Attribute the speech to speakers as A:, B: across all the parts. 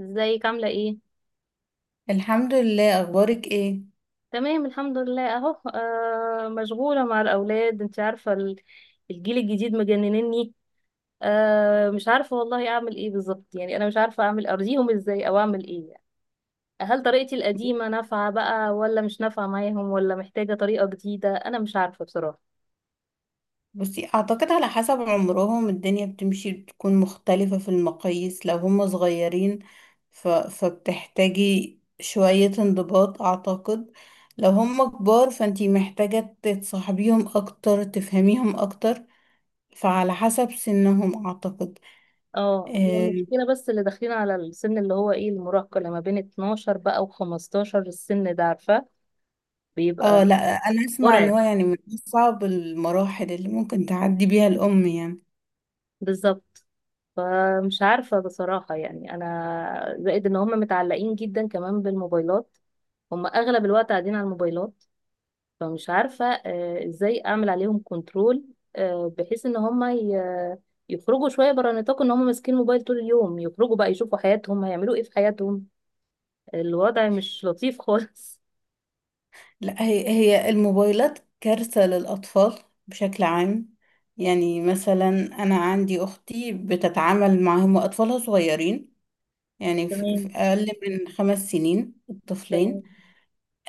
A: ازيك عاملة ايه؟
B: الحمد لله، اخبارك ايه؟
A: تمام الحمد لله اهو، مشغولة مع الأولاد. انت عارفة، الجيل الجديد مجننني. مش عارفة والله اعمل ايه بالظبط، يعني انا مش عارفة اعمل ارضيهم ازاي او اعمل ايه يعني. هل طريقتي القديمة نافعة بقى ولا مش نافعة معاهم، ولا محتاجة طريقة جديدة؟ انا مش عارفة بصراحة.
B: بصي، اعتقد على حسب عمرهم الدنيا بتمشي، بتكون مختلفة في المقاييس. لو هم صغيرين ف فبتحتاجي شوية انضباط اعتقد. لو هم كبار فانتي محتاجة تتصاحبيهم اكتر، تفهميهم اكتر. فعلى حسب سنهم اعتقد.
A: اه، هي
B: اه.
A: المشكلة بس اللي داخلين على السن اللي هو ايه، المراهقة، لما بين 12 بقى و15. السن ده عارفة
B: آه،
A: بيبقى
B: لا. انا اسمع ان هو
A: مرعب.
B: يعني من اصعب المراحل اللي ممكن تعدي بيها الام يعني.
A: بالظبط. فمش عارفة بصراحة، يعني أنا زائد إن هم متعلقين جدا كمان بالموبايلات. هم أغلب الوقت قاعدين على الموبايلات. فمش عارفة إزاي أعمل عليهم كنترول، بحيث إن هم يخرجوا شوية برا نطاق إن هم ماسكين الموبايل طول اليوم. يخرجوا بقى يشوفوا حياتهم، هيعملوا إيه في حياتهم. الوضع مش لطيف خالص.
B: لا، هي الموبايلات كارثة للأطفال بشكل عام. يعني مثلا أنا عندي أختي بتتعامل معهم وأطفالها صغيرين. يعني في
A: تمام.
B: أقل من خمس سنين
A: تمام.
B: الطفلين.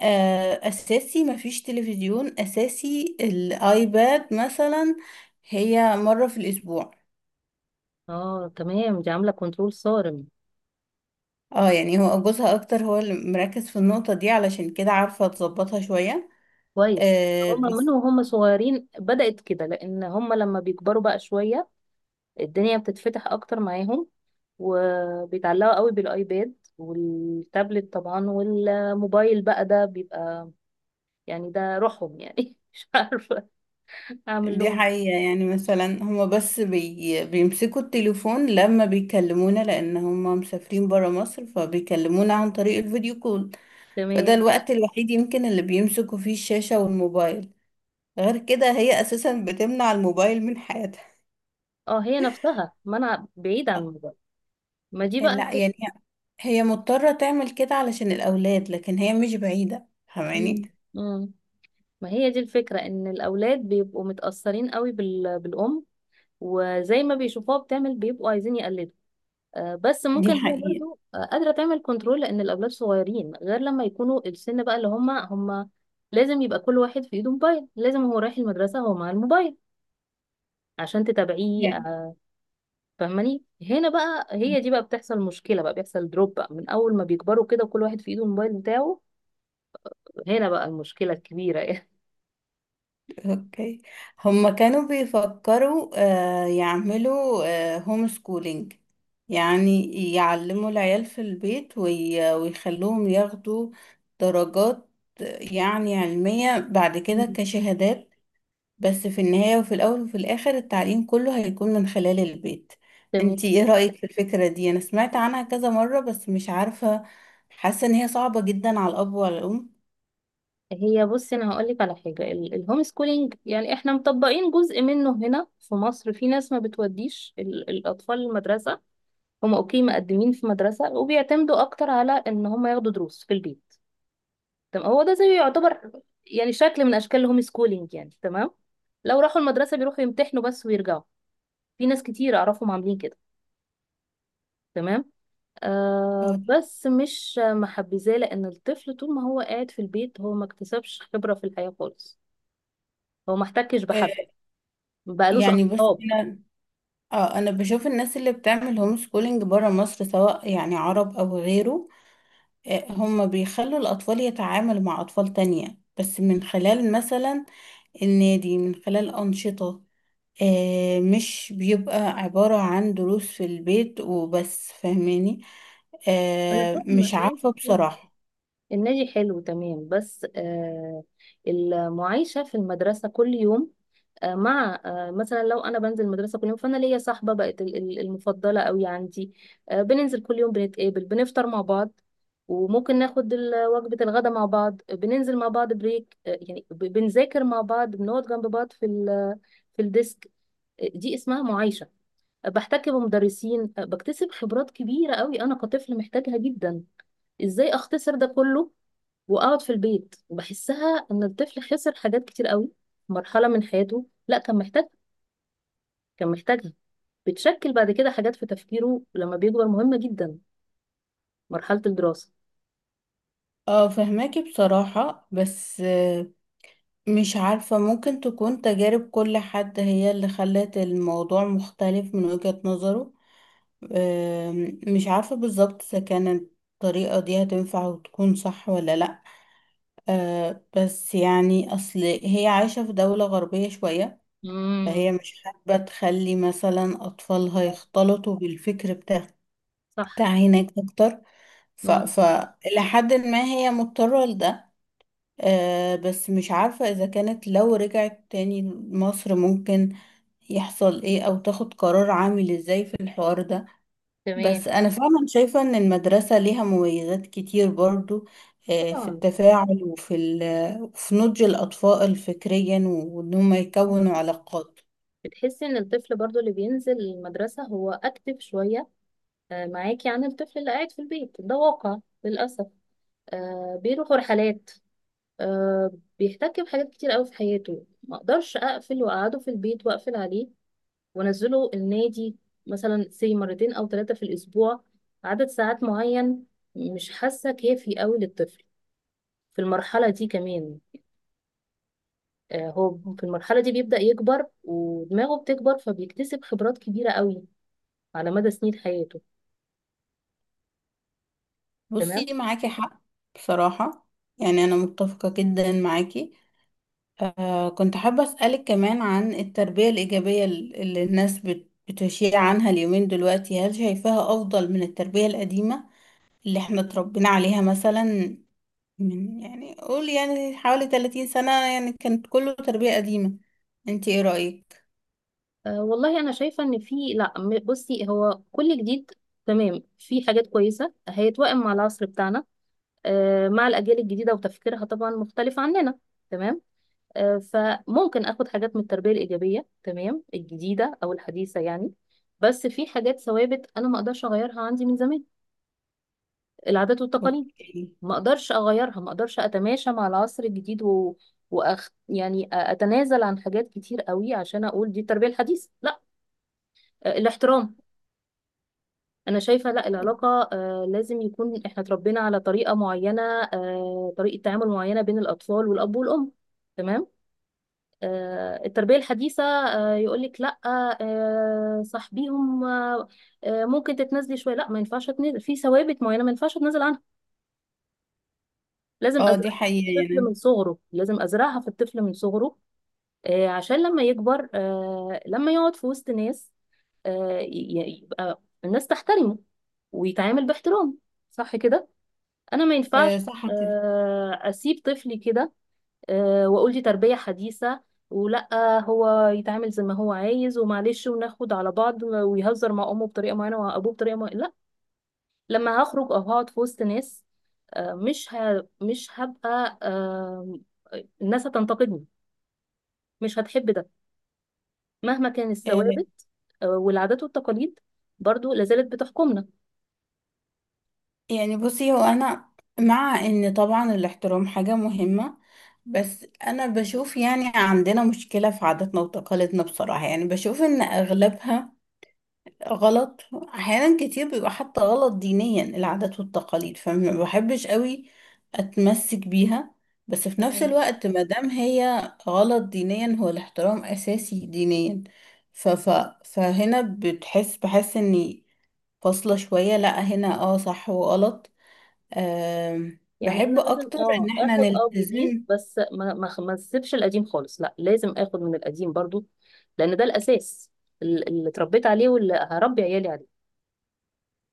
B: آه، أساسي مفيش تلفزيون، أساسي الآيباد مثلا هي مرة في الأسبوع.
A: اه تمام، دي عاملة كنترول صارم.
B: اه، يعني هو جوزها أكتر هو اللي مركز في النقطة دي، علشان كده عارفة تظبطها شوية.
A: كويس. هم من وهم صغيرين بدأت كده، لأن هم لما بيكبروا بقى شوية الدنيا بتتفتح اكتر معاهم، وبيتعلقوا قوي بالايباد والتابلت طبعا، والموبايل بقى ده بيبقى يعني ده روحهم يعني. مش عارفة اعمل
B: دي
A: لهم.
B: حقيقة. يعني مثلا هما بس بيمسكوا التليفون لما بيكلمونا، لأن هما مسافرين برا مصر فبيكلمونا عن طريق الفيديو كول. فده
A: تمام.
B: الوقت الوحيد يمكن اللي بيمسكوا فيه الشاشة والموبايل، غير كده هي أساسا بتمنع الموبايل من حياتها.
A: اه، هي نفسها، ما انا بعيد عن الموبايل. ما دي
B: آه،
A: بقى
B: لا
A: الفك-
B: يعني هي مضطرة تعمل كده علشان الأولاد، لكن هي مش بعيدة، فاهماني.
A: مم. مم. ما هي دي الفكرة، ان الاولاد بيبقوا متأثرين قوي بالام، وزي ما بيشوفوها بتعمل بيبقوا عايزين يقلدوا. بس
B: دي
A: ممكن هي
B: حقيقة
A: برضو قادرة تعمل كنترول لأن الأولاد صغيرين، غير لما يكونوا السن بقى اللي هما. لازم يبقى كل واحد في ايده موبايل، لازم هو رايح المدرسة هو مع الموبايل عشان تتابعيه
B: يعني.
A: فاهماني. هنا بقى هي دي بقى بتحصل مشكلة، بقى بيحصل دروب بقى من أول ما بيكبروا كده وكل واحد في ايده الموبايل بتاعه. هنا بقى المشكلة الكبيرة يعني.
B: اوكي، هما كانوا بيفكروا آه، يعملوا هوم سكولينج، يعني يعلموا العيال في البيت ويخلوهم ياخدوا درجات آه، يعني علمية بعد كده
A: مم.
B: كشهادات. بس في النهاية وفي الأول وفي الآخر التعليم كله هيكون من خلال البيت. انتي
A: تمام.
B: ايه رأيك في الفكرة دي؟ انا سمعت عنها كذا مرة بس مش عارفة، حاسة ان هي صعبة جدا على الأب وعلى الأم.
A: هي بصي انا هقول لك على حاجه، الهوم سكولينج يعني احنا مطبقين جزء منه هنا في مصر. في ناس ما بتوديش الاطفال المدرسه. هم اوكي، مقدمين في مدرسة وبيعتمدوا اكتر على ان هم ياخدوا دروس في البيت. تمام، هو ده زي يعتبر يعني شكل من اشكال الهوم سكولينج يعني. تمام. لو راحوا المدرسة بيروحوا يمتحنوا بس ويرجعوا. في ناس كتير اعرفهم عاملين كده. تمام. آه بس مش محبذاه، لان الطفل طول ما هو قاعد في البيت هو ما اكتسبش خبرة في الحياة خالص، هو ما احتكش بحد،
B: آه،
A: ما بقالوش
B: يعني بص،
A: اصحاب.
B: اه انا بشوف الناس اللي بتعمل هوم سكولينج بره مصر سواء يعني عرب او غيره، آه، هم بيخلوا الاطفال يتعاملوا مع اطفال تانية بس من خلال مثلا النادي، من خلال انشطة. آه، مش بيبقى عبارة عن دروس في البيت وبس، فاهماني.
A: انا
B: آه،
A: فاهمة،
B: مش عارفة
A: النادي حلو،
B: بصراحة.
A: النادي حلو تمام، بس آه المعيشة في المدرسة كل يوم. مع مثلا لو انا بنزل المدرسه كل يوم فانا ليا صاحبه بقت المفضله قوي عندي. بننزل كل يوم، بنتقابل، بنفطر مع بعض، وممكن ناخد وجبه الغداء مع بعض، بننزل مع بعض بريك، يعني بنذاكر مع بعض، بنقعد جنب بعض في في الديسك. دي اسمها معايشه. بحتك بمدرسين، بكتسب خبرات كبيره قوي، انا كطفل محتاجها جدا. ازاي اختصر ده كله واقعد في البيت؟ وبحسها ان الطفل خسر حاجات كتير قوي في مرحله من حياته، لا كان محتاجها. بتشكل بعد كده حاجات في تفكيره لما بيكبر مهمة جدا، مرحلة الدراسة.
B: اه، فهماكي بصراحة، بس آه، مش عارفة ممكن تكون تجارب كل حد هي اللي خلت الموضوع مختلف من وجهة نظره. مش عارفة بالظبط إذا كانت الطريقة دي هتنفع وتكون صح ولا لأ. آه، بس يعني أصل هي عايشة في دولة غربية شوية،
A: امم.
B: فهي مش حابة تخلي مثلا أطفالها يختلطوا بالفكر بتاع
A: صح.
B: بتاع هناك أكتر. ف...
A: امم.
B: ف إلى حد ما هي مضطرة لده. آه، بس مش عارفة إذا كانت لو رجعت تاني مصر ممكن يحصل إيه، أو تاخد قرار عامل إزاي في الحوار ده. بس
A: تمام.
B: أنا فعلا شايفة إن المدرسة ليها مميزات كتير برضو، آه، في
A: طبعا.
B: التفاعل وفي في نضج الأطفال فكريا، وإن هم يكونوا علاقات.
A: بتحسي ان الطفل برضو اللي بينزل المدرسة هو اكتف شوية معاكي عن الطفل اللي قاعد في البيت، ده واقع للأسف. بيروح رحلات، آه، بيحتك بحاجات كتير قوي في حياته. ما اقدرش اقفل واقعده في البيت واقفل عليه وانزله النادي مثلا سي مرتين او ثلاثه في الاسبوع عدد ساعات معين. مش حاسه كافي قوي للطفل في المرحله دي كمان. هو في المرحله دي بيبدا يكبر ودماغه بتكبر، فبيكتسب خبرات كبيره قوي على مدى سنين حياته.
B: بصي
A: تمام.
B: معاكي حق بصراحة، يعني أنا متفقة جدا معاكي. آه كنت حابة أسألك كمان عن التربية الإيجابية اللي الناس بتشيع عنها اليومين دلوقتي، هل شايفاها أفضل من التربية القديمة اللي احنا اتربينا عليها مثلا من يعني قول يعني حوالي 30 سنة؟ يعني كانت كله تربية قديمة. انت ايه رأيك؟
A: أه والله انا شايفه ان في لا بصي هو كل جديد تمام، في حاجات كويسه هيتوائم مع العصر بتاعنا، أه مع الاجيال الجديده وتفكيرها طبعا مختلف عننا. تمام. فممكن اخد حاجات من التربيه الايجابيه تمام الجديده او الحديثه يعني، بس في حاجات ثوابت انا ما اقدرش اغيرها عندي من زمان، العادات والتقاليد،
B: اوكي.
A: ما اقدرش اغيرها، ما اقدرش اتماشى مع العصر الجديد يعني اتنازل عن حاجات كتير قوي عشان اقول دي التربيه الحديثه لا. الاحترام، انا شايفه لا، العلاقه لازم يكون، احنا اتربينا على طريقه معينه، طريقه تعامل معينه بين الاطفال والاب والام. تمام. التربية الحديثة يقولك لا، صاحبيهم ممكن تتنازلي شوية. لا ما ينفعش اتنازل في ثوابت معينة، ما ينفعش اتنازل عنها. لازم
B: اه، دي
A: أزرعها
B: حقيقة
A: في الطفل من
B: يعني.
A: صغره، لازم أزرعها في الطفل من صغره، عشان لما يكبر لما يقعد في وسط ناس يبقى الناس تحترمه ويتعامل باحترام. صح كده؟ أنا ما
B: آه،
A: ينفعش
B: صح كده.
A: أسيب طفلي كده واقول دي تربية حديثة، ولا هو يتعامل زي ما هو عايز، ومعلش وناخد على بعض ويهزر مع امه بطريقة معينة وابوه بطريقة معينة. لا، لما هخرج او هقعد في وسط ناس مش هبقى الناس هتنتقدني، مش هتحب ده، مهما كان.
B: آه،
A: الثوابت والعادات والتقاليد برضو لازالت بتحكمنا.
B: يعني بصي، هو انا مع ان طبعا الاحترام حاجة مهمة، بس انا بشوف يعني عندنا مشكلة في عاداتنا وتقاليدنا بصراحة، يعني بشوف ان اغلبها غلط، احيانا كتير بيبقى حتى غلط دينيا العادات والتقاليد، فما بحبش قوي اتمسك بيها. بس في نفس
A: تمام.
B: الوقت ما دام هي غلط دينيا هو الاحترام اساسي دينيا، ف ف فهنا بتحس بحس اني فاصلة شوية. لا هنا اه، صح وغلط. أم،
A: يعني انا
B: بحب
A: لازم
B: اكتر ان احنا
A: اخد جديد،
B: نلتزم.
A: بس ما اسيبش القديم خالص، لا لازم اخد من القديم برضو لان ده الاساس، اللي اتربيت عليه واللي هربي عيالي عليه.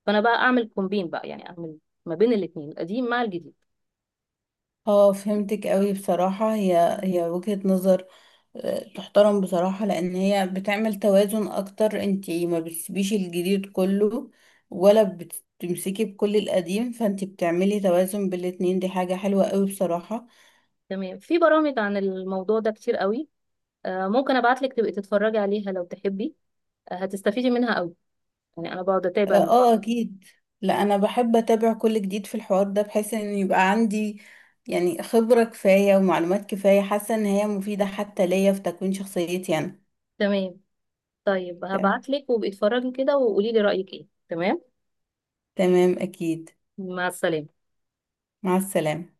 A: فانا بقى اعمل كومبين بقى يعني، اعمل ما بين الاثنين القديم مع الجديد.
B: اه، فهمتك قوي بصراحة، هي وجهة نظر تحترم بصراحة، لأن هي بتعمل توازن أكتر. انتي ما بتسيبيش الجديد كله ولا بتمسكي بكل القديم، فانتي بتعملي توازن بالاتنين، دي حاجة حلوة قوي بصراحة.
A: تمام. في برامج عن الموضوع ده كتير قوي، آه ممكن ابعت لك تبقي تتفرجي عليها لو تحبي، آه هتستفيدي منها قوي. يعني انا بقعد
B: اه،
A: اتابع.
B: آه، أكيد. لا أنا بحب أتابع كل جديد في الحوار ده بحيث إن يبقى عندي يعني خبرة كفاية ومعلومات كفاية، حاسة إن هي مفيدة حتى ليا في تكوين شخصيتي أنا.
A: تمام. طيب هبعت لك وابقي اتفرجي كده وقولي لي رايك ايه. تمام.
B: تمام أكيد.
A: مع السلامه.
B: مع السلامة.